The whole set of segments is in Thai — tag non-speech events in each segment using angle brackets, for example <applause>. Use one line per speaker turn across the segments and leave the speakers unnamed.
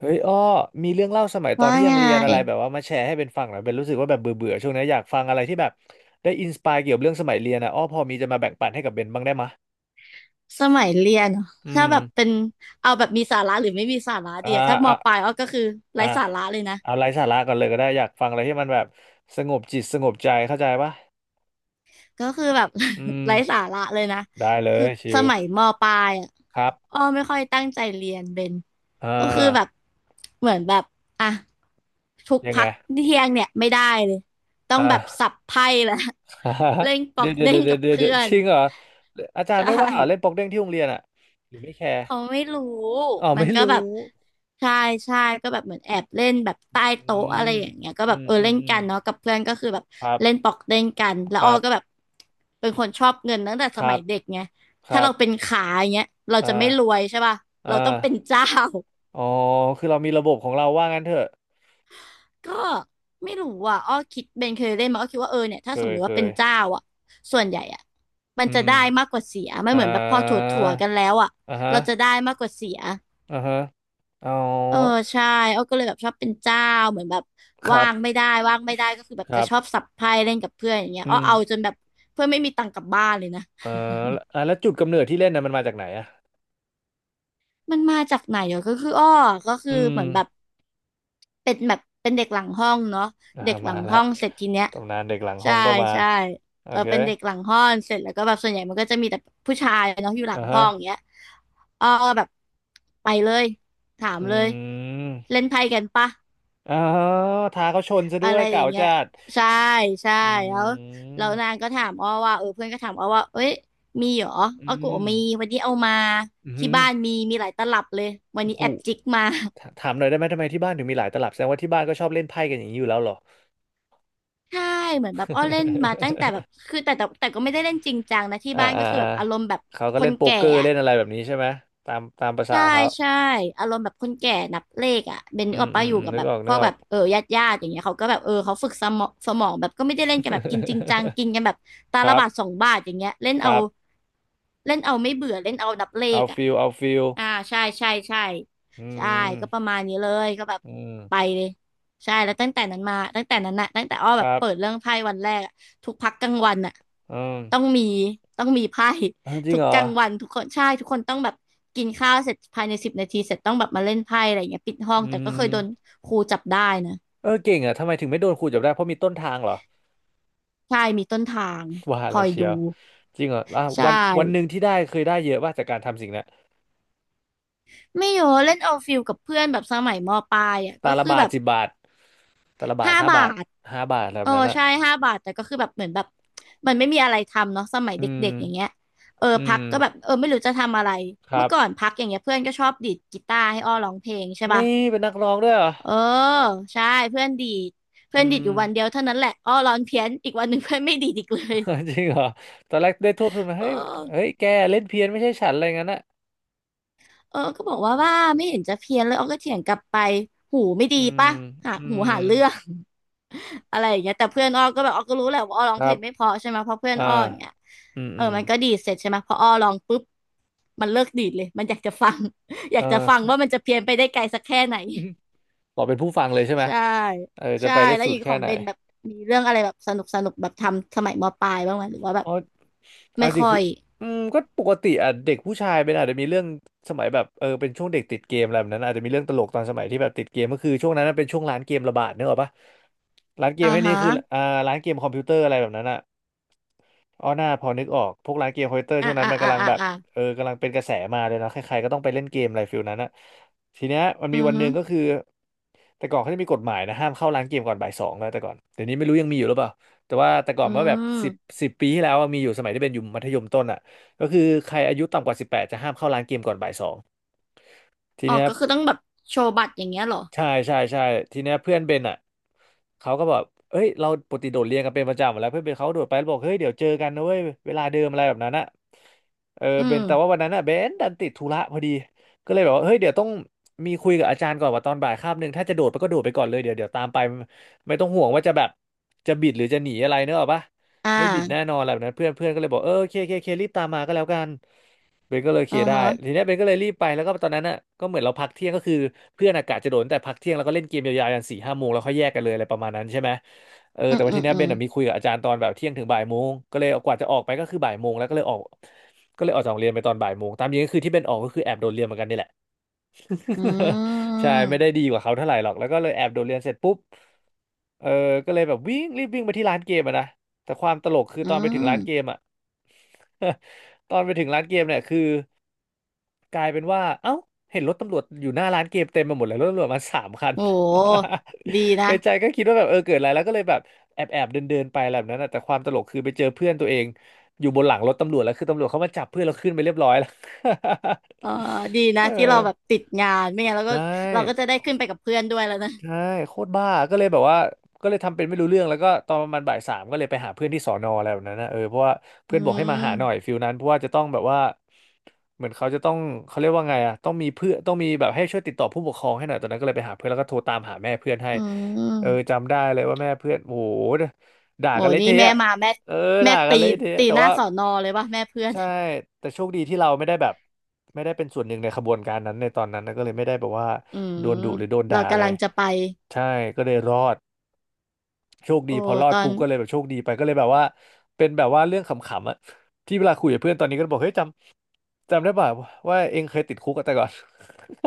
เฮ้ยอ้อมีเรื่องเล่าสมัยตอน
ว่า
ที่ยั
ไง
งเรียนอะไรแบบว่ามาแชร์ให้เป็นฟังหน่อยเป็นรู้สึกว่าแบบเบื่อเบื่อช่วงนี้อยากฟังอะไรที่แบบได้อินสปายเกี่ยวกับเรื่องสมัยเรียนนะอ้อพอมีจะมาแบ่งปันให้กับเบนบ้างได้มะ
สมัยเรียนเหรอ
อื
ถ้า
ม
แบบเป็นเอาแบบมีสาระหรือไม่มีสาระ
อ่า
เดียถ้าม
อ่า
ปลายอ้อก็คือไร้
อ่า
สาระเลยนะ
เอาไร้สาระก่อนเลยก็ได้อยากฟังอะไรที่มันแบบสงบจิตสงบใจเข้าใจปะ
ก็คือแบบ
อื
<laughs>
ม
ไร้สาระเลยนะ
ได้เล
คือ
ยชิ
ส
ล
มัยมปลายอ่ะ
ครับ
อ้อไม่ค่อยตั้งใจเรียนเบน
อ่า
ก็คือแบบเหมือนแบบอ่ะทุก
ยังไง
พักเที่ยงเนี่ยไม่ได้เลยต้อง
อ่า
แบบสับไพ่แล้ว <laughs> เล่น
<laughs>
ป๊อ
เดี๋ย
ก
วเดี๋ยว
เด้ง
เดี๋ย
กั
ว
บ
เดี๋ยว
เพื่
เดี๋ยว
อ
จ
น
ริงเหรออาจาร
ใช
ย์ไม่ว่าเหรอเล่น
่
โป๊กเด้งที่โรงเรียนอ่ะหรือไม่แคร์
เขาไม่รู้
อ๋อ
มัน
ไม่
ก็
รู้
แบบใช่ใช่ก็แบบเหมือนแอบเล่นแบบใต้
อื
โต๊ะอะไร
ม
อย่างเงี้ยก็แบ
อื
บ
ม
เออ
อื
เล่
ม
น
อืม
กันเนาะกับเพื่อนก็คือแบบ
ครั
เล่นป
บ
อกเล่นกันแล้
ค
วอ้อ
รับ
ก็แบบเป็นคนชอบเงินตั้งแต่
ค
ส
รั
มัย
บ
เด็กไง
ค
ถ้า
รับ
เราเป็นขาอย่างเงี้ยเรา
อ่า
จะไม่รวยใช่ป่ะเรา
อ่า
ต้องเป็นเจ้า
อ๋อคือเรามีระบบของเราว่างั้นเถอะ
<laughs> ก็ไม่รู้อ่ะอ้อคิดเบนเคยเล่นมาอ้อคิดว่าเออเนี่ย
เค
ถ้าสม
ย
มติ
เค
ว่าเป็น
ย
เจ้าอ่ะส่วนใหญ่อ่ะมัน
อื
จะ
ม
ได้มากกว่าเสียไม่
อ่
เหมือนแบบพอถ
า
ั่วๆกันแล้วอ่ะ
อ่าฮะ
เราจะได้มากกว่าเสีย
อ่าฮะอ๋อ
เออใช่อ้อก็เลยแบบชอบเป็นเจ้าเหมือนแบบ
ครั
ว่า
บ
งไม่ได้ว่างไม่ได้ก็คือแบบ
ค
จะ
รับ
ชอบสับไพ่เล่นกับเพื่อนอย่างเงี้ย
อื
อ้อ
ม
เอาจนแบบเพื่อนไม่มีตังค์กลับบ้านเลยนะ
เอ่อแล้วจุดกำเนิดที่เล่นน่ะมันมาจากไหนอ่ะ
มันมาจากไหนเหรอก็คืออ้อก็คือ
อื
เห
ม
มือนแบบเป็นแบบเป็นเด็กหลังห้องเนาะ
อ่า
เด็กหลั
มา
ง
แล้ว
ห้องเสร็จทีเนี้ย
ตำนานเด็กหลังห้
ใช่
องก็มา
ใช่
โอ
เออ
เค
เป็นเด็กหลังห้องเสร็จแล้วก็แบบส่วนใหญ่มันก็จะมีแต่ผู้ชายเนาะอยู่หลั
อ่า
งห้
ฮะ
องเงี้ยอ้อก็แบบไปเลยถาม
อื
เลย
ม
เล่นไพ่กันปะ
อ๋อท้าเขาชนซะด้
อะ
ว
ไร
ย
อ
เก่า
ย่างเงี้ย
จัด
ใช่ใช่
อ
แล้ว
ื
แล้ว
ม
นางก็ถามอ้อว่าเออเพื่อนก็ถามอ้อว่าเอ้ยมีเหรอ
อื
อ้อก็บอก
ม
มีวันนี้เอามา
อือ
ที่
หือ
บ้านมีมีหลายตลับเลยวัน
โอ้
นี้
โห
แอบจิกมา
ถ
<laughs>
ถามหน่อยได้ไหมทำไมที่บ้านถึงมีหลายตลับแสดงว่าที่บ้านก็ชอบเล่นไพ่กันอย่างนี้อยู่แล้วเหรอ
ใช่เหมือนแบบอ้อเล่นมาตั้งแต่แบบ
<laughs>
คือแต่ก็ไม่ได้เล่นจริงจังนะที่
อ่า
บ้าน
<laughs> อ่าอ่า
ก็คือแบบอารมณ์แบบ
เขาก็
ค
เล่
น
นโป๊ก
แก่
เกอร์
อะ
เล่นอะไรแบบนี้ใช่ไหมตามตามภาษา
ใช่
เขา
ใช่อารมณ์แบบคนแก่นับเลขอ่ะเบน
อื
นึกอ
ม
อก
อื
ปะ
ม
อยู่
อืม
กับ
นึก
แบบ
ออก
พ
นึ
ว
ก
ก
ออ
แบ
ก
บเออญาติญาติอย่างเงี้ยเขาก็แบบเออเขาฝึกสมองแบบก็ไม่ได้เล่นกันแบบกินจริงจังกินกันแบบตา
<laughs> ค
ละ
รับ
บาทสองบาทอย่างเงี้ยเล่น
ค
เอา
รับ
เล่นเอาไม่เบื่อเล่นเอานับเล
เอา
ขอ่ะ
ฟิลเอาฟิล
อ่าใช่ใช่ใช่
อื
ใช่ก็ประ
ม
มาณนี้เลยก็แบบ
อืม
ไปเลยใช่แล้วตั้งแต่นั้นมาตั้งแต่นั้นน่ะตั้งแต่อ้อ
ค
แบบ
รั
เปิด
บ
เรื่องไพ่วันแรกอะทุกพักกลางวันน่ะ
อืม
ต้องมีต้องมีไพ่
เอาจริ
ทุ
ง
ก
เหร
ก
อ
ลางวันทุกคนใช่ทุกคนต้องแบบกินข้าวเสร็จภายในสิบนาทีเสร็จต้องแบบมาเล่นไพ่อะไรอย่างเงี้ยปิดห้อ
อื
งแต่ก็เคยโดน
ม
ครูจับได้นะ
เออเก่งอ่ะทำไมถึงไม่โดนครูจับได้เพราะมีต้นทางเหรอ
ใช่มีต้นทาง
<laughs> ว่า
ค
แล้
อ
ว
ย
เชียว
ดู
จริงเหรออ่ะ
ใช่
วันวันหนึ่งที่ได้เคยได้เยอะว่าจากการทำสิ่งนั้น
ไม่เยอะเล่นเอาฟิลกับเพื่อนแบบสมัยมปลายอ่ะ
ตา
ก็
ละ
คือ
บา
แบ
ท
บ
10 บาทตาละบาท
ห้า
ห้า
บา
บาท
ท
ห้าบาทอะไรแบ
เออ
บนั้นอ่ะ
ใช่ห้าบาทแต่ก็คือแบบเหมือนแบบมันไม่มีอะไรทำเนาะสมัย
อื
เด
ม
็กๆอย่างเงี้ยเออ
อื
พัก
ม
ก็แบบเออไม่รู้จะทำอะไร
ครั
เมื่อ
บ
ก่อนพักอย่างเงี้ยเพื่อนก็ชอบดีดกีตาร์ให้อ้อร้องเพลงใช่
นี่
ป่ะ
เป็นนักร้องด้วยเหรอ
เออใช่เพื่อนดีด
อื
เพื่อนดีด
ม
อยู่วันเดียวเท่านั้นแหละอ้อร้อนเพี้ยนอีกวันหนึ่งเพื่อนไม่ดีดอีกเลย
<laughs> จริงเหรอตอนแรกได้โทษทุนมา
เออ
เฮ้ยเฮ้ยแกเล่นเพี้ยนไม่ใช่ฉันอะไรงั้นอ่ะ
เออก็บอกว่าไม่เห็นจะเพี้ยนเลยอ้อก็เถียงกลับไปหูไม่ดี
อืม
ปะหา
อื
หู
ม
หาเรื่อง <laughs> อะไรอย่างเงี้ยแต่เพื่อนอ้อก็แบบอ้อก็รู้แหละว่าอ้อร้
ค
อง
รั
เพล
บ
งไม่เพอใช่ไหมเพราะเพื่อน
อ่า
อ้ออย่างเงี้ย
อืม
เอ
อื
อ
ม
มันก็ดีดเสร็จใช่ไหมพออ้อร้องปุ๊บมันเลิกดีดเลยมันอยากจะฟัง <laughs> อ
เอ
ยากจะฟัง
อ
ว่ามันจะเพี้ยนไปได้ไกลสักแค่ไหน
<laughs> ต่อเป็นผู้ฟังเลยใช่ไหม
ใช่
เออจะ
ใช่
ไปได้
แล้ว
สุ
อ
ด
ย่าง
แค่
ของ
ไหน
เบนแบบมีเรื่องอะไรแบบสนุกสนุกแบบทำสมัยมปลายบ้างไหมหรือว่าแบบ
เอา
ไม่
จริง
ค่อ
คือ
ย
อืมก็ปกติอ่ะเด็กผู้ชายเป็นอาจจะมีเรื่องสมัยแบบเออเป็นช่วงเด็กติดเกมอะไรแบบนั้นอาจจะมีเรื่องตลกตอนสมัยที่แบบติดเกมก็คือช่วงนั้นนะเป็นช่วงร้านเกมระบาดเนกอะปะร้านเก
อ่า
มให้นี้
ฮะ
คืออ่าร้านเกมคอมพิวเตอร์อะไรแบบนั้นอ่ะ อ๋อหน้าพอนึกออกพวกร้านเกมคอมพิวเตอร์
อ่า
ช่วงนั้น
อ่า
มัน
อ่า
กำลัง
อ่า
แบบ
อ่า
เออกำลังเป็นกระแสมาเลยเนาะใครๆก็ต้องไปเล่นเกมอะไรฟิลนั้นอะทีเนี้ยมัน
อื
มี
อ
วันห
ฮึ
นึ่งก็คือแต่ก่อนเขาจะมีกฎหมายนะห้ามเข้าร้านเกมก่อนบ่ายสองแล้วแต่ก่อนเดี๋ยวนี้ไม่รู้ยังมีอยู่หรือเปล่าแต่ว่าแต่ก่อน
อื
เมื่อแบบสิบ
ม
สิบปีที่แล้วอะมีอยู่สมัยที่เป็นอยู่มัธยมต้นอะก็คือใครอายุต่ำกว่า18จะห้ามเข้าร้านเกมก่อนบ่ายสองที
อ๋อ
เนี้ย
ก็คือต้องแบบโชว์บัตรอย่างเงี้ยเหรอ
ใช่ใช่ใช่ทีเนี้ยเพื่อนเบนอ่ะเขาก็แบบเอ้ยเราปกติโดดเรียนกันเป็นประจำอยู่แล้วเพื่อนเบนเขาโดดไปแล้วบอกเฮ้ยเดี๋ยวเจอกันนะเว้ยเวลาเดิมอะไรแบบนั้นอ่ะเออ
อื
เบนแต่ว่า
ม
วันนั้นอ่ะเบนดันติดธุระพอดีก็เลยแบบว่าเฮ้ยเดี๋ยวต้องมีคุยกับอาจารย์ก่อนว่าตอนบ่ายคาบหนึ่งถ้าจะโดดไปก็โดดไปก่อนเลยเดี๋ยวเดี๋ยวตามไปไม่ต้องห่วงว่าจะแบบจะบิดหรือจะหนีอะไรเนกอะปะ
อ่า
ไม่บิดแน่นอนอะไรแบบนั้นเพื่อนเพื่อนก็เลยบอกเออโอเคโอเคโอเครีบตามมาก็แล้วกัน เบนก็เลยเคลี
อ่า
ยร์ได้
ฮะ
ทีเนี้ยเบนก็เลยรีบไปแล้วก็ตอนนั้นน่ะก็เหมือนเราพักเที่ยงก็คือเพื่อนอากาศจะโดนแต่พักเที่ยงแล้วก็เล่นเกมยาวๆยันสี่ห้าโมงแล้วค่อยแยกกันเลยอะไรประมาณนั้นใช่ไหมเออ
อื
แต่
ม
ว่า
อื
ที
ม
เนี้ย
อื
เบน
ม
น่ะมีคุยกับอาจารย์ตอนแบบเที่ยงถึงบ่ายโมงก็เลยกว่าจะออกไปก็คือบ่ายโมงแล้วก็เลยออกก็เลยออกจากโรงเรียนไปตอนบ่ายโมงตามจริงก็คือที่เบนออกก็คือแอบโดนเรียนเหมือนกันนี่แหละ
อื
<laughs> ใช่ไม่ได้
ม
ดีกว่าเขาเท่าไหร่หรอกแล้วก็เลยแอบโดดเรียนเสร็จปุ๊บเออก็เลยแบบวิ่งรีบวิ่งไปที่ร้านเกมอะนะแต่ความตลกคือ
อื
ตอนไปถึงร้า
ม
นเกมอะ <laughs> ตอนไปถึงร้านเกมเนี่ยคือ กลายเป็นว่าเอ้าเห็นรถตำรวจอยู่หน้าร้านเกมเต็มไปหมดเลยรถตำรวจมาสามคัน
โหดี
<laughs> ใน
นะ
ใจก็คิดว่าแบบเออเกิดอะไรแล้วก็เลยแบบแอบเดินเดินไปอะไรแบบนั้นนะแต่ความตลกคือไปเจอเพื่อนตัวเองอยู่บนหลังรถตำรวจแล้วคือตำรวจเขามาจับเพื่อนเราขึ้นไปเรียบร้อยแล้ว
เออดี
<laughs> เอ
นะ
อ
ที่เราแบบติดงานไม่งั้นเราก็
ใช่
เราก็จะได้ขึ้นไปกับเพื่อนด้วยแล้วนะ
ใช่โคตรบ้าก็เลยแบบว่าก็เลยทำเป็นไม่รู้เรื่องแล้วก็ตอนประมาณบ่ายสามก็เลยไปหาเพื่อนที่สอนออะไรแบบนั้นนะเออเพราะว่า
อื
เพื่อนบอกให้มาหาหน่อย
ม
ฟิลนั้นเพราะว่าจะต้องแบบว่าเหมือนเขาจะต้องเขาเรียกว่าไงอะต้องมีเพื่อนต้องมีแบบให้ช่วยติดต่อผู้ปกครองให้หน่อยตอนนั้นก็เลยไปหาเพื่อนแล้วก็โทรตามหาแม่เพื่อนให้
อื
เออ
ม
จำได้เลยว่าแม่เพื่อนโอ้โหด่า
โอ้
กันเละ
นี่
เท
แม่
ะ
มาแม่
เออ
แม่
ด่ากั
ตี
นเละเทะ
ตี
แต่
หน้า
ว่า
สอนอเลยป่ะแม่เพื่อน
ใช่แต่โชคดีที่เราไม่ได้แบบไม่ได้เป็นส่วนหนึ่งในขบวนการนั้นในตอนนั้นนะก็เลยไม่ได้แบบว่า
อื
โดน
ม
ดุหรือโดน
เรา
ด่าอะไร
กำลังจะไป
ใช่ก็เลยรอดโชคดี
โอ้
พอรอ
ต
ด
อน
ปุ๊บก็เลยแบบโชคดีไปก็เลยแบบว่าเป็นแบบว่าเรื่องขำๆอะที่เวลาคุยกับเพื่อนตอนนี้ก็บอกเฮ้ยจำได้ป่ะว่าเองเคยติดคุกอะแต่ก่อน <laughs>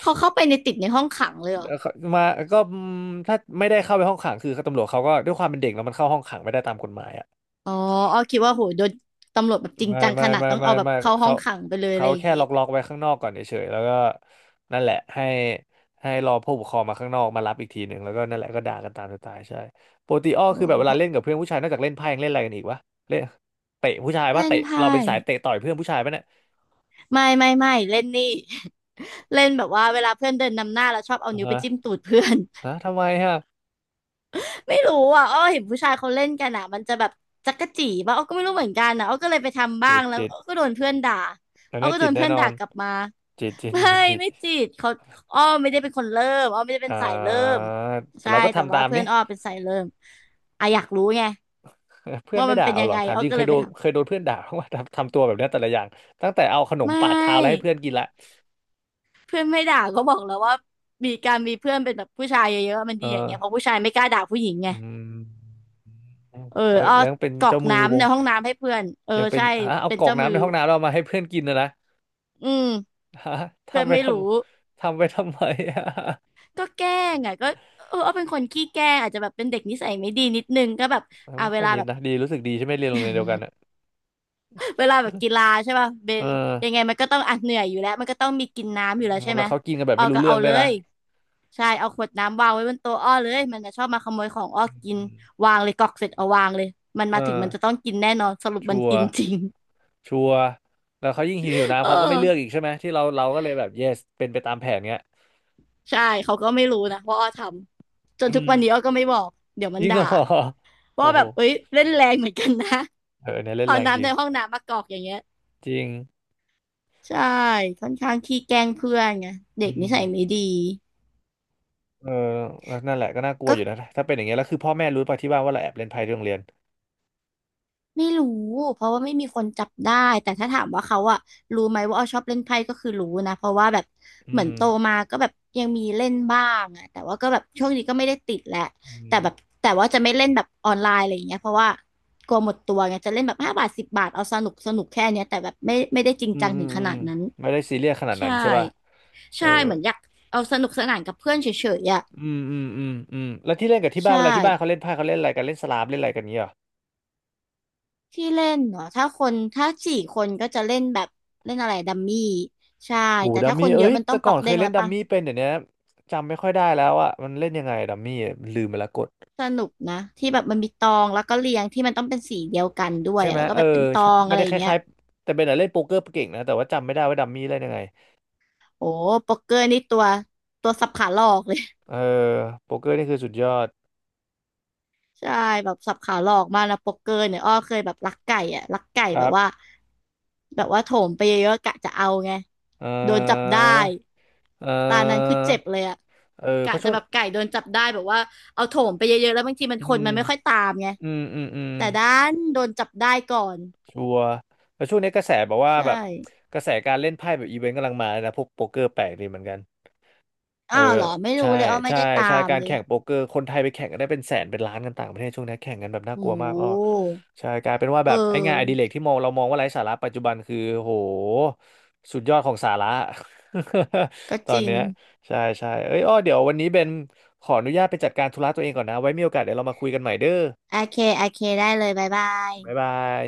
เขาเข้าไปในติดในห้องขังเลยเหรอ
เขามาก็อืมถ้าไม่ได้เข้าไปห้องขังคือตำรวจเขาก็ด้วยความเป็นเด็กแล้วมันเข้าห้องขังไม่ได้ตามกฎหมายอะ
อ๋ออ้อคิดว่าโหโดนตำรวจแบบจริง
ไม่
จัง
ไม่
ขนาด
ไม่
ต้อง
ไม่
เอาแบบ
ไม่
เข้าห้อ
เขา
งขังไปเลยอะ
เขา
ไรอย่าง
แค่
งี้
ล็อกไว้ข้างนอกก่อนเฉยๆแล้วก็นั่นแหละให้ให้รอผู้ปกครองมาข้างนอกมารับอีกทีหนึ่งแล้วก็นั่นแหละก็ด่ากันตามสไตล์ใช่ปกติอ้อ
โอ้
คือแบบเวลาเล่นกับเพื่อนผู้ชายนอกจากเล่นไพ่ยังเล่นอะไรกันอีกวะเล่นเตะผู้ชายปะ
เล่น
เตะเรา
ไพ่
เป็นสายเตะต่อยเพื่อนผู้ชายปะเนี่ย
ไม่เล่นนี่ <laughs> เล่นแบบว่าเวลาเพื่อนเดินนำหน้าแล้วชอบเอา
อ่า
นิ้วไป
ฮะ
จิ้มตูดเพื่อน
ฮะทำไมฮะ
ไม่รู้อ่ะอ้อเห็นผู้ชายเขาเล่นกันอ่ะมันจะแบบจั๊กจี้ป่ะอ้อก็ไม่รู้เหมือนกันนะอ้อก็เลยไปทำบ้า
จิ
ง
ต
แล้ว
จิต
อ้อก็โดนเพื่อนด่า
ตอน
อ้อ
เนี้ย
ก็โด
จิต
น
แน่
เพื่อน
นอ
ด่า
น
กลับมา
จิตจิต
ไม่
จิตจิต
ไม่จีบเขาอ้อไม่ได้เป็นคนเริ่มอ้อไม่ได้เป็
อ่
นสายเริ่ม
าแต่
ใช่
เราก็
แต่
ทำตา
ว่า
ม
เพื่อ
นี่
นอ้อเป็นสายเริ่มอ่ะอยากรู้ไง
เพื่อน
ว่า
ไม่
มัน
ด่า
เป็น
เอา
ยั
เห
ง
รอ
ไง
ถาม
อ้อ
จริง
ก็
เค
เล
ย
ย
โด
ไป
น
ท
เคยโดนเพื่อนด่าเพราะว่าทำตัวแบบเนี้ยแต่ละอย่างตั้งแต่เอาขน
ำ
ม
ไม
ปาดเท้าแล้วให้
่
เพื่อนกินละ
เพื่อนไม่ด่าก็บอกแล้วว่ามีการมีเพื่อนเป็นแบบผู้ชายเยอะๆมัน
เออ
ดีอย่างเงี้ยเพราะผู้ชายไม่กล้าด่าผู้หญิงไง
อืม
เออ
แล้ว
อ้อ
แล้วยังเป็น
กรอ
เจ้า
ก
มือว
น้ำใน
ง
ห้องน้ำให้เพื่อนเออ
ยังเป็น
ใช่
ฮะเอา
เป็น
กรอก
เจ้ามื
น้ำ
อ
ในห้องน้ำเรามาให้เพื่อนกินนะนะ
อืม
ฮะ
เพื่อ
ทำ
น
ไป
ไม่
ท
รู้
ำทำไปทำไม <laughs> อะ
ก็แกล้งอ่ะก็เออเอาเป็นคนขี้แกล้งอาจจะแบบเป็นเด็กนิสัยไม่ดีนิดนึงก็แบบ
เออ
อ่า
ไม่
เว
ค่อย
ลา
นิ
แบ
ด
บ
นะดีรู้สึกดีใช่ไหมเรียนโรงเรียนเดียวกั
<laughs>
นอ่ะ
เวลาแบบกีฬาใช่ป่ะเบ
เอ
น
อ
ยังไงมันก็ต้องอ่ะเหนื่อยอยู่แล้วมันก็ต้องมีกินน้ำอยู่แล้วใช่ไห
แล้
ม
วเขากินกันแบบ
ออ
ไม่รู้
ก็
เรื่อ
เอา
งด้
เล
วยนะ
ยใช่เอาขวดน้ำวางไว้บนโต๊ะอ้อเลยมันจะชอบมาขโมยของอ้อ
อื
กิน
ม
วางเลยกรอกเสร็จเอาวางเลยมัน
เอ
มาถึง
อ
มันจะต้องกินแน่นอนสรุปมั
ชั
น
ว
กิน
ร์
จริง
ชัวร์แล้วเขายิ่งหิว
<laughs>
น้ำ
เออ
เขาก็ไม่เลือกอีกใช่ไหมที่เราก็เลยแบบ yes เป็นไปตามแผนเงี้ย
ใช่เขาก็ไม่รู้นะว่าอ้อทำจ
อื
นทุก
ม
วันนี้อ้อก็ไม่บอกเดี๋ยว
<laughs> จ
มัน
ริงเหร
ด่า
อโอ้
ว่าแบ
โห
บเอ้ยเล่นแรงเหมือนกันนะ
เออเนี่ยเล่น
เอา
แรงจ
น้ำ
ริ
ใน
ง
ห้องน้ำมากรอกอย่างเงี้ย
จริง
ใช่ค่อนข้างขี้แกล้งเพื่อนไงเด็
อื
กนิ
ม
สัยไม่ดี
เออแล้วนั่นแหละก็น่ากลัว
ก็
อยู่นะถ้าเป็นอย่างเงี้ยแล้วคือพ่อแม่รู้ป่ะที่บ้านว่าเราแอบเล่นไพ่ที่โรงเรียน
ไม่รู้เพราะว่าไม่มีคนจับได้แต่ถ้าถามว่าเขาอะรู้ไหมว่าอ้อชอบเล่นไพ่ก็คือรู้นะเพราะว่าแบบ
อื
เหมือน
ม
โตมาก็แบบยังมีเล่นบ้างอะแต่ว่าก็แบบช่วงนี้ก็ไม่ได้ติดแหละ
อื
แต่
ม
แบบแต่ว่าจะไม่เล่นแบบออนไลน์อะไรอย่างเงี้ยเพราะว่ากลัวหมดตัวไงจะเล่นแบบ5 บาท10 บาทเอาสนุกสนุกแค่เนี้ยแต่แบบไม่ได้จริง
อืม
จัง
อื
ถึ
ม
งข
อื
นา
ม
ดนั้น
ไม่ได้ซีเรียสขนาด
ใช่
นั้นใช่ป่ะเออ
ใช่เหมือนอยากเอาสนุกสนานกับเพื่อนเฉยๆอะ
อืมอืมอืมอืมแล้วที่เล่นกับที่
ใช
บ้านเวลาที่บ้านเขา
่
เล่นไพ่เขาเล่นอะไรกันเล่นสลามเล่นอะไรกันเงี้ยเหรอ
ที่เล่นเนาะถ้าคนถ้า4 คนก็จะเล่นแบบเล่นอะไรดัมมี่ใช่
โห
แต่
ดัม
ถ้าค
มี่
นเย
เอ้
อะ
ย
มันต้อ
แต่
งป
ก่
อ
อ
ก
นเค
เด้
ย
ง
เล่
แล้
น
ว
ดัม
ปะ
มี่เป็นเดี๋ยวนี้จำไม่ค่อยได้แล้วอ่ะมันเล่นยังไงดัมมี่ลืมไปแลวก
สนุกนะที่แบบมันมีตองแล้วก็เรียงที่มันต้องเป็นสีเดียวกันด้วย
ใช่ไหม
แล้วก็
เออ
แบบเป็นตอ
ใช่
ง
ไม่
อะไร
ได้
อ
ค
ย่างเงี้ย
ล้ายๆแต่เบนอะเล่นโป๊กเกอร์เก่งนะแต่ว่าจำไม่ได้ว่าดัมมี่เล่นยังไง
โอ้โป๊กเกอร์นี่ตัวสับขาหลอกเลย
เออโป๊กเกอร์นี่คือสุดยอด
<laughs> ใช่แบบสับขาหลอกมากนะโป๊กเกอร์เนี่ยอ้อเคยแบบลักไก่อะลักไก่
ค
แบ
รั
บ
บ
ว่าแบบว่าโถมไปเยอะๆกะจะเอาไง
เอ
โดนจับ
อ
ได้
เอ
ตานั้นคือ
อ
เจ็บเลยอะ
เออเพ
กะ
ราะช่
จะ
วง
แบบไก่โดนจับได้แบบว่าเอาโถมไปเยอะๆแล้วบางทีมัน
อื
คน
ม
มันไม่ค่อยตามไง
อืมอืมอืม
แต่ด้านโดนจับได้ก่อน
ชัวร์แล้วช่วงนี้กระแสบอกว่า
ใช่
แบบกระแสการเล่นไพ่แบบอีเวนต์กำลังมานะพวกโป๊กเกอร์แปลกดีเหมือนกัน เออ
อ้าวเหรอไม่
ใช่
รู้เลยอ้อไม่
ใช่
ได้ตา
ใช่
ม
การ
เลย
แข่งโป๊กเกอร์คนไทยไปแข่งกันได้เป็นแสนเป็นล้านกันต่างประเทศช่วงนี้แข่งกันแบบน่า
โอ้
กลัว
โ
มากก็
ห
ใช่กลายเป็นว่า
เ
แบบไอ้งานอดิ
ออ
เรกที่มองเรามองว่าไร้สาระปัจจุบันคือโหสุดยอดของสาระ
ก็
<laughs> ตอ
จ
น
ริง
เนี้ยใช่ใช่เอ้ยอ้อเดี๋ยววันนี้เบนขออนุญาตไปจัดการธุระตัวเองก่อนนะไว้มีโอกาสเดี๋ยวเรามาคุยกันใหม่เด้อ
โอเคโอเคได้เลยบ๊ายบาย
บ๊ายบาย